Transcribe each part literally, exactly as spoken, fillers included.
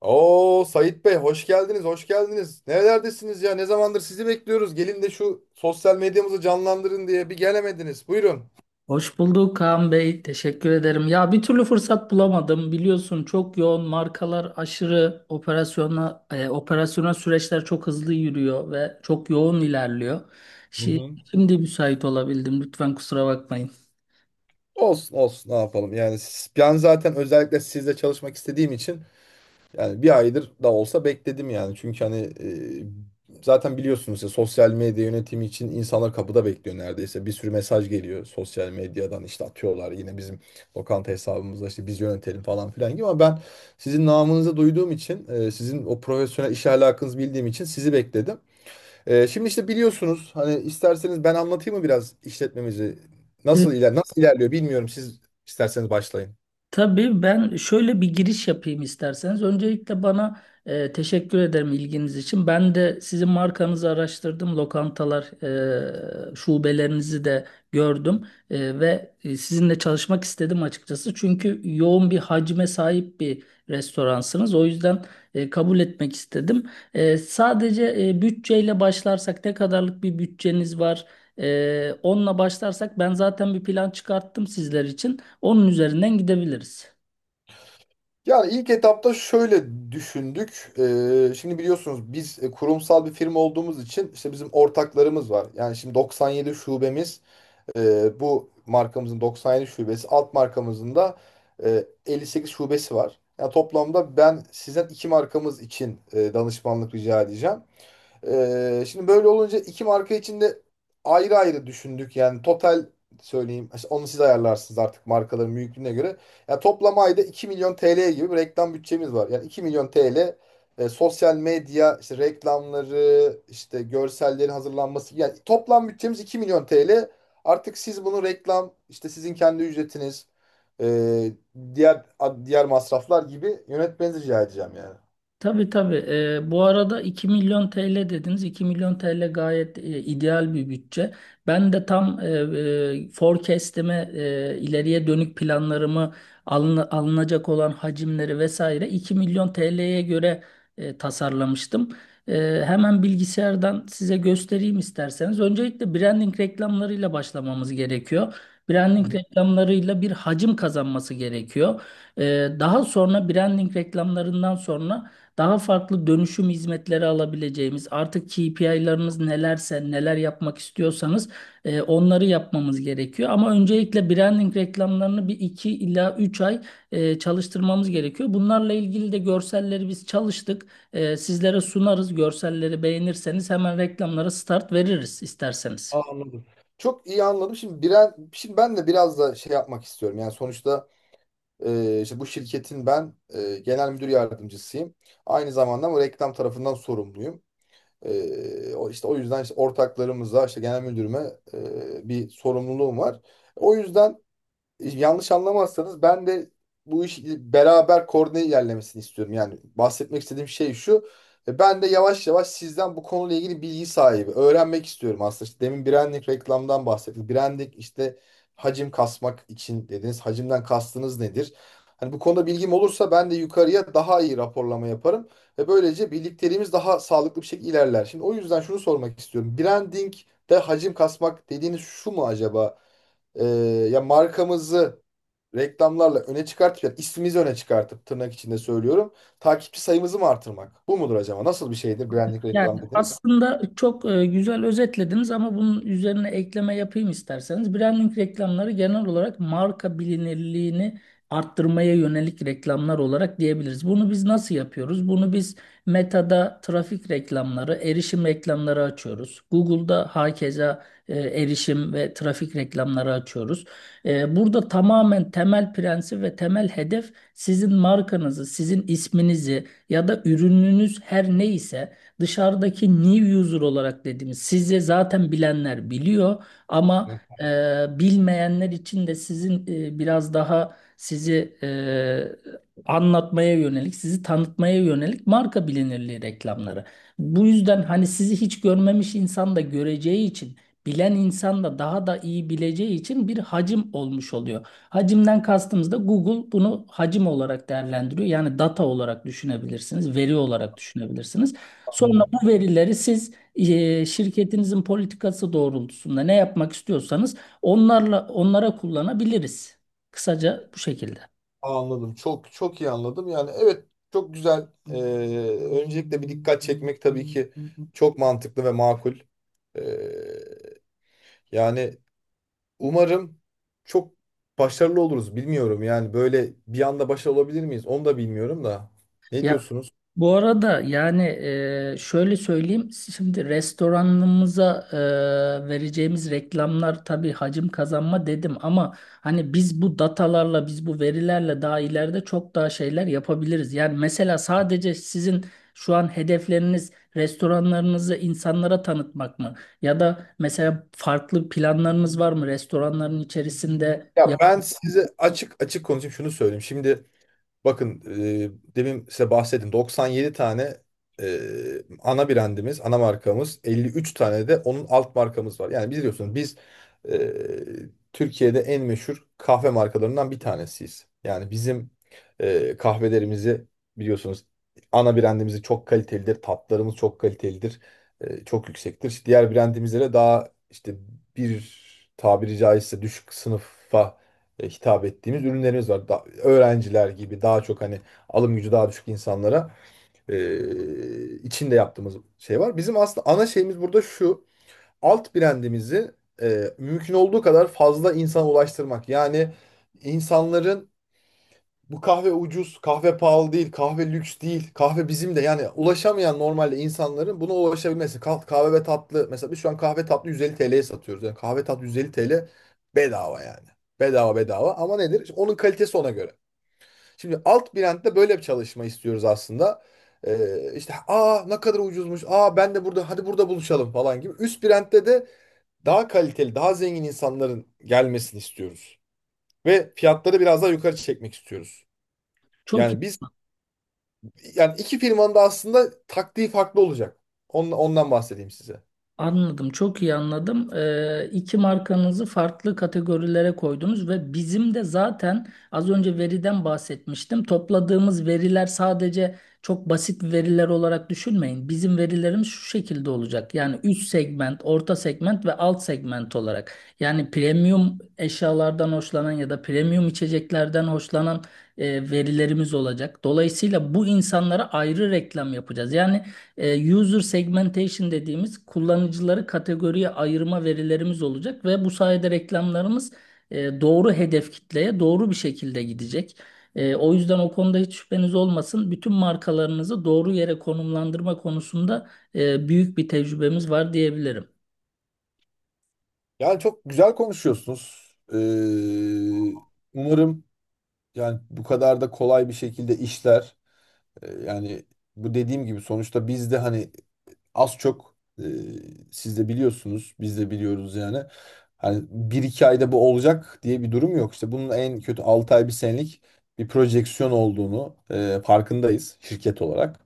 Oo Sait Bey, hoş geldiniz, hoş geldiniz. Nerelerdesiniz ya? Ne zamandır sizi bekliyoruz. Gelin de şu sosyal medyamızı canlandırın diye bir gelemediniz. Buyurun. Hoş bulduk Kaan Bey. Teşekkür ederim. Ya bir türlü fırsat bulamadım. Biliyorsun çok yoğun markalar aşırı operasyona e, operasyona süreçler çok hızlı yürüyor ve çok yoğun ilerliyor. Hı Şi- hı. Şimdi müsait olabildim. Lütfen kusura bakmayın. Olsun olsun, ne yapalım, yani s- ben zaten özellikle sizle çalışmak istediğim için yani bir aydır da olsa bekledim yani. Çünkü hani e, zaten biliyorsunuz ya, sosyal medya yönetimi için insanlar kapıda bekliyor neredeyse. Bir sürü mesaj geliyor sosyal medyadan, işte atıyorlar yine bizim lokanta hesabımızda işte biz yönetelim falan filan gibi. Ama ben sizin namınızı duyduğum için, e, sizin o profesyonel iş alakınızı bildiğim için sizi bekledim. E, şimdi işte biliyorsunuz, hani isterseniz ben anlatayım mı biraz işletmemizi nasıl iler nasıl ilerliyor, bilmiyorum, siz isterseniz başlayın. Tabii ben şöyle bir giriş yapayım isterseniz. Öncelikle bana e, teşekkür ederim ilginiz için. Ben de sizin markanızı araştırdım. Lokantalar, e, şubelerinizi de gördüm. E, ve e, sizinle çalışmak istedim açıkçası. Çünkü yoğun bir hacme sahip bir restoransınız. O yüzden e, kabul etmek istedim. E, sadece e, bütçeyle başlarsak ne kadarlık bir bütçeniz var? E, onunla başlarsak ben zaten bir plan çıkarttım sizler için. Onun üzerinden gidebiliriz. Yani ilk etapta şöyle düşündük. Ee, şimdi biliyorsunuz biz e, kurumsal bir firma olduğumuz için işte bizim ortaklarımız var. Yani şimdi doksan yedi şubemiz, e, bu markamızın doksan yedi şubesi, alt markamızın da e, elli sekiz şubesi var. Yani toplamda ben sizden iki markamız için e, danışmanlık rica edeceğim. Ee, şimdi böyle olunca iki marka için de ayrı ayrı düşündük. Yani total söyleyeyim. İşte onu siz ayarlarsınız artık markaların büyüklüğüne göre. Yani toplam ayda iki milyon T L gibi bir reklam bütçemiz var. Yani iki milyon T L, e, sosyal medya işte reklamları, işte görsellerin hazırlanması. Yani toplam bütçemiz iki milyon T L. Artık siz bunu reklam, işte sizin kendi ücretiniz, e, diğer diğer masraflar gibi yönetmenizi rica edeceğim yani. Tabii tabii. Ee, bu arada iki milyon T L dediniz. iki milyon T L gayet e, ideal bir bütçe. Ben de tam e, e, forecast'ime, e, ileriye dönük planlarımı alın- alınacak olan hacimleri vesaire iki milyon T L'ye göre e, tasarlamıştım. E, hemen bilgisayardan size göstereyim isterseniz. Öncelikle branding reklamlarıyla başlamamız gerekiyor. Branding reklamlarıyla bir hacim kazanması gerekiyor. E, daha sonra branding reklamlarından sonra daha farklı dönüşüm hizmetleri alabileceğimiz, artık K P I'larınız nelerse, neler yapmak istiyorsanız e, onları yapmamız gerekiyor. Ama öncelikle branding reklamlarını bir iki ila üç ay e, çalıştırmamız gerekiyor. Bunlarla ilgili de görselleri biz çalıştık. E, sizlere sunarız. Görselleri beğenirseniz hemen reklamlara start veririz isterseniz. Aa, anladım. Çok iyi anladım. Şimdi biren, şimdi ben de biraz da şey yapmak istiyorum. Yani sonuçta e, işte bu şirketin ben e, genel müdür yardımcısıyım. Aynı zamanda bu reklam tarafından sorumluyum. E, o işte o yüzden işte ortaklarımıza, işte genel müdürüme e, bir sorumluluğum var. O yüzden, yanlış anlamazsanız, ben de bu iş beraber koordine ilerlemesini istiyorum. Yani bahsetmek istediğim şey şu. e, Ben de yavaş yavaş sizden bu konuyla ilgili bilgi sahibi öğrenmek istiyorum aslında. İşte demin branding reklamdan bahsettik. Branding işte hacim kasmak için dediniz. Hacimden kastınız nedir? Hani bu konuda bilgim olursa ben de yukarıya daha iyi raporlama yaparım ve böylece birlikteliğimiz daha sağlıklı bir şekilde ilerler. Şimdi o yüzden şunu sormak istiyorum. Branding de hacim kasmak dediğiniz şu mu acaba? e, Ya markamızı reklamlarla öne çıkartıp, ya ismimizi öne çıkartıp, tırnak içinde söylüyorum. Takipçi sayımızı mı artırmak? Bu mudur acaba? Nasıl bir şeydir branding Yani reklam dediniz? aslında çok e, güzel özetlediniz ama bunun üzerine ekleme yapayım isterseniz. Branding reklamları genel olarak marka bilinirliğini arttırmaya yönelik reklamlar olarak diyebiliriz. Bunu biz nasıl yapıyoruz? Bunu biz Meta'da trafik reklamları, erişim reklamları açıyoruz. Google'da hakeza e, erişim ve trafik reklamları açıyoruz. E, Burada tamamen temel prensip ve temel hedef sizin markanızı, sizin isminizi ya da ürününüz her neyse dışarıdaki new user olarak dediğimiz, size zaten bilenler biliyor ama Hı. e, bilmeyenler için de sizin e, biraz daha sizi e, anlatmaya yönelik, sizi tanıtmaya yönelik marka bilinirliği reklamları. Bu yüzden hani sizi hiç görmemiş insan da göreceği için, bilen insan da daha da iyi bileceği için bir hacim olmuş oluyor. Hacimden kastımız da Google bunu hacim olarak değerlendiriyor. Yani data olarak düşünebilirsiniz, veri olarak düşünebilirsiniz. Sonra bu Anladım. verileri siz e, şirketinizin politikası doğrultusunda ne yapmak istiyorsanız onlarla onlara kullanabiliriz. Kısaca bu şekilde. Anladım. Çok çok iyi anladım. Yani evet, çok güzel. Ee, öncelikle bir dikkat çekmek tabii ki çok mantıklı ve makul. Ee, Yani umarım çok başarılı oluruz. Bilmiyorum yani, böyle bir anda başarılı olabilir miyiz? Onu da bilmiyorum da. Ne diyorsunuz? Bu arada yani e, şöyle söyleyeyim, şimdi restoranımıza e, vereceğimiz reklamlar tabii hacim kazanma dedim ama hani biz bu datalarla biz bu verilerle daha ileride çok daha şeyler yapabiliriz. Yani mesela sadece sizin şu an hedefleriniz restoranlarınızı insanlara tanıtmak mı? Ya da mesela farklı planlarınız var mı restoranların içerisinde? Ya Ya ben size açık açık konuşayım, şunu söyleyeyim. Şimdi bakın, e, demin size bahsettim doksan yedi tane e, ana brandimiz, ana markamız elli üç tane de onun alt markamız var. Yani biliyorsunuz biz e, Türkiye'de en meşhur kahve markalarından bir tanesiyiz. Yani bizim e, kahvelerimizi biliyorsunuz, ana brandimizi çok kalitelidir, tatlarımız çok kalitelidir, e, çok yüksektir. İşte diğer brandimizlere daha işte bir, tabiri caizse, düşük sınıfa e, hitap ettiğimiz ürünlerimiz var. Da- öğrenciler gibi daha çok hani alım gücü daha düşük insanlara e, içinde yaptığımız şey var. Bizim aslında ana şeyimiz burada şu. Alt brandimizi e, mümkün olduğu kadar fazla insana ulaştırmak. Yani insanların, bu kahve ucuz, kahve pahalı değil, kahve lüks değil. Kahve bizim de, yani ulaşamayan normalde insanların buna ulaşabilmesi. Kah- Kahve ve tatlı mesela, biz şu an kahve tatlı yüz elli T L'ye satıyoruz. Yani kahve tatlı yüz elli T L, bedava yani. Bedava bedava, ama nedir? İşte onun kalitesi ona göre. Şimdi alt blend'de böyle bir çalışma istiyoruz aslında. Ee, işte aa ne kadar ucuzmuş. Aa ben de burada, hadi burada buluşalım falan gibi. Üst blend'de de daha kaliteli, daha zengin insanların gelmesini istiyoruz. Ve fiyatları biraz daha yukarı çekmek istiyoruz. çok. Yani Yani iki firmanın da aslında taktiği farklı olacak. Ondan, ondan bahsedeyim size. Anladım, çok iyi anladım. Ee, iki markanızı farklı kategorilere koydunuz ve bizim de zaten az önce veriden bahsetmiştim. Topladığımız veriler sadece çok basit veriler olarak düşünmeyin. Bizim verilerimiz şu şekilde olacak. Yani üst segment, orta segment ve alt segment olarak. Yani premium eşyalardan hoşlanan ya da premium içeceklerden hoşlanan e, verilerimiz olacak. Dolayısıyla bu insanlara ayrı reklam yapacağız. Yani e, user segmentation dediğimiz, kullanıcıları kategoriye ayırma verilerimiz olacak ve bu sayede reklamlarımız e, doğru hedef kitleye doğru bir şekilde gidecek. E, o yüzden o konuda hiç şüpheniz olmasın. Bütün markalarınızı doğru yere konumlandırma konusunda e, büyük bir tecrübemiz var diyebilirim. Yani çok güzel konuşuyorsunuz. Ee, umarım yani bu kadar da kolay bir şekilde işler. E, Yani bu dediğim gibi, sonuçta biz de hani az çok, e, siz de biliyorsunuz, biz de biliyoruz yani. Hani bir iki ayda bu olacak diye bir durum yok. İşte bunun en kötü altı ay bir senelik bir projeksiyon olduğunu e, farkındayız şirket olarak.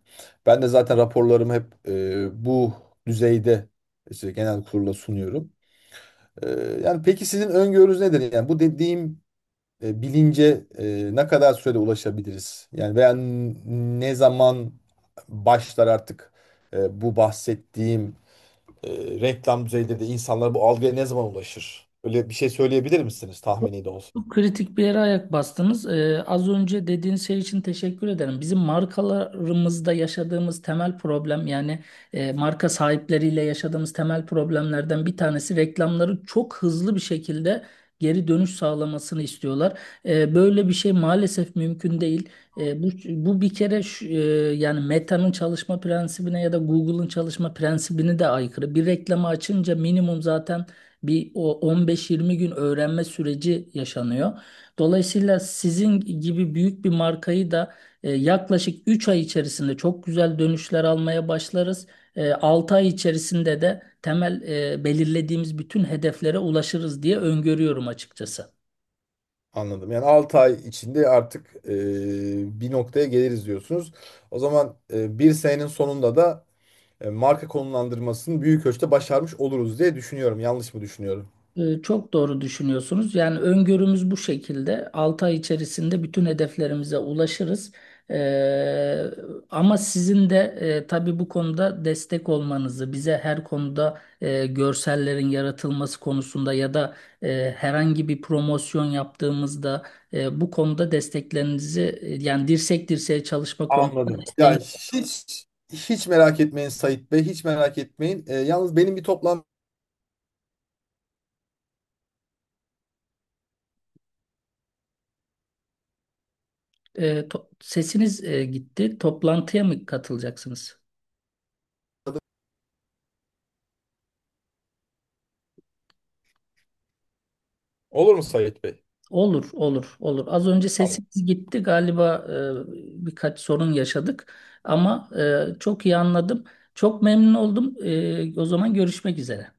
Ben de zaten raporlarımı hep, e, bu düzeyde işte genel kurula sunuyorum. E, Yani peki sizin öngörünüz nedir? Yani bu dediğim e, bilince e, ne kadar sürede ulaşabiliriz? Yani veya n- ne zaman başlar artık e, bu bahsettiğim e, reklam düzeyinde de insanlar bu algıya ne zaman ulaşır? Öyle bir şey söyleyebilir misiniz, Çok tahmini de olsa? çok kritik bir yere ayak bastınız. Ee, az önce dediğiniz şey için teşekkür ederim. Bizim markalarımızda yaşadığımız temel problem, yani e, marka sahipleriyle yaşadığımız temel problemlerden bir tanesi, reklamları çok hızlı bir şekilde geri dönüş sağlamasını istiyorlar. Ee, böyle bir şey maalesef mümkün değil. Ee, bu, bu bir kere şu- e, yani Meta'nın çalışma prensibine ya da Google'ın çalışma prensibine de aykırı. Bir reklamı açınca minimum zaten bir o on beş yirmi gün öğrenme süreci yaşanıyor. Dolayısıyla sizin gibi büyük bir markayı da e, yaklaşık üç ay içerisinde çok güzel dönüşler almaya başlarız. E, altı ay içerisinde de temel e, belirlediğimiz bütün hedeflere ulaşırız diye öngörüyorum açıkçası. Anladım. Yani altı ay içinde artık, e, bir noktaya geliriz diyorsunuz. O zaman, e, bir senenin sonunda da, e, marka konumlandırmasını büyük ölçüde başarmış oluruz diye düşünüyorum. Yanlış mı düşünüyorum? Ee, Çok doğru düşünüyorsunuz. Yani öngörümüz bu şekilde. altı ay içerisinde bütün hedeflerimize ulaşırız. Ee, Ama sizin de e, tabii bu konuda destek olmanızı, bize her konuda e, görsellerin yaratılması konusunda ya da e, herhangi bir promosyon yaptığımızda e, bu konuda desteklerinizi e, yani dirsek dirseğe çalışma konusunda Anladım. Ya desteğin, hiç hiç merak etmeyin, Sait Bey, hiç merak etmeyin. Ee, yalnız benim bir toplantı. e, to- sesiniz e, gitti. Toplantıya mı katılacaksınız? Olur mu Sait Bey? Olur, olur, olur. Az önce Tamam. sesimiz gitti galiba, e, birkaç sorun yaşadık ama e, çok iyi anladım. Çok memnun oldum. E, o zaman görüşmek üzere.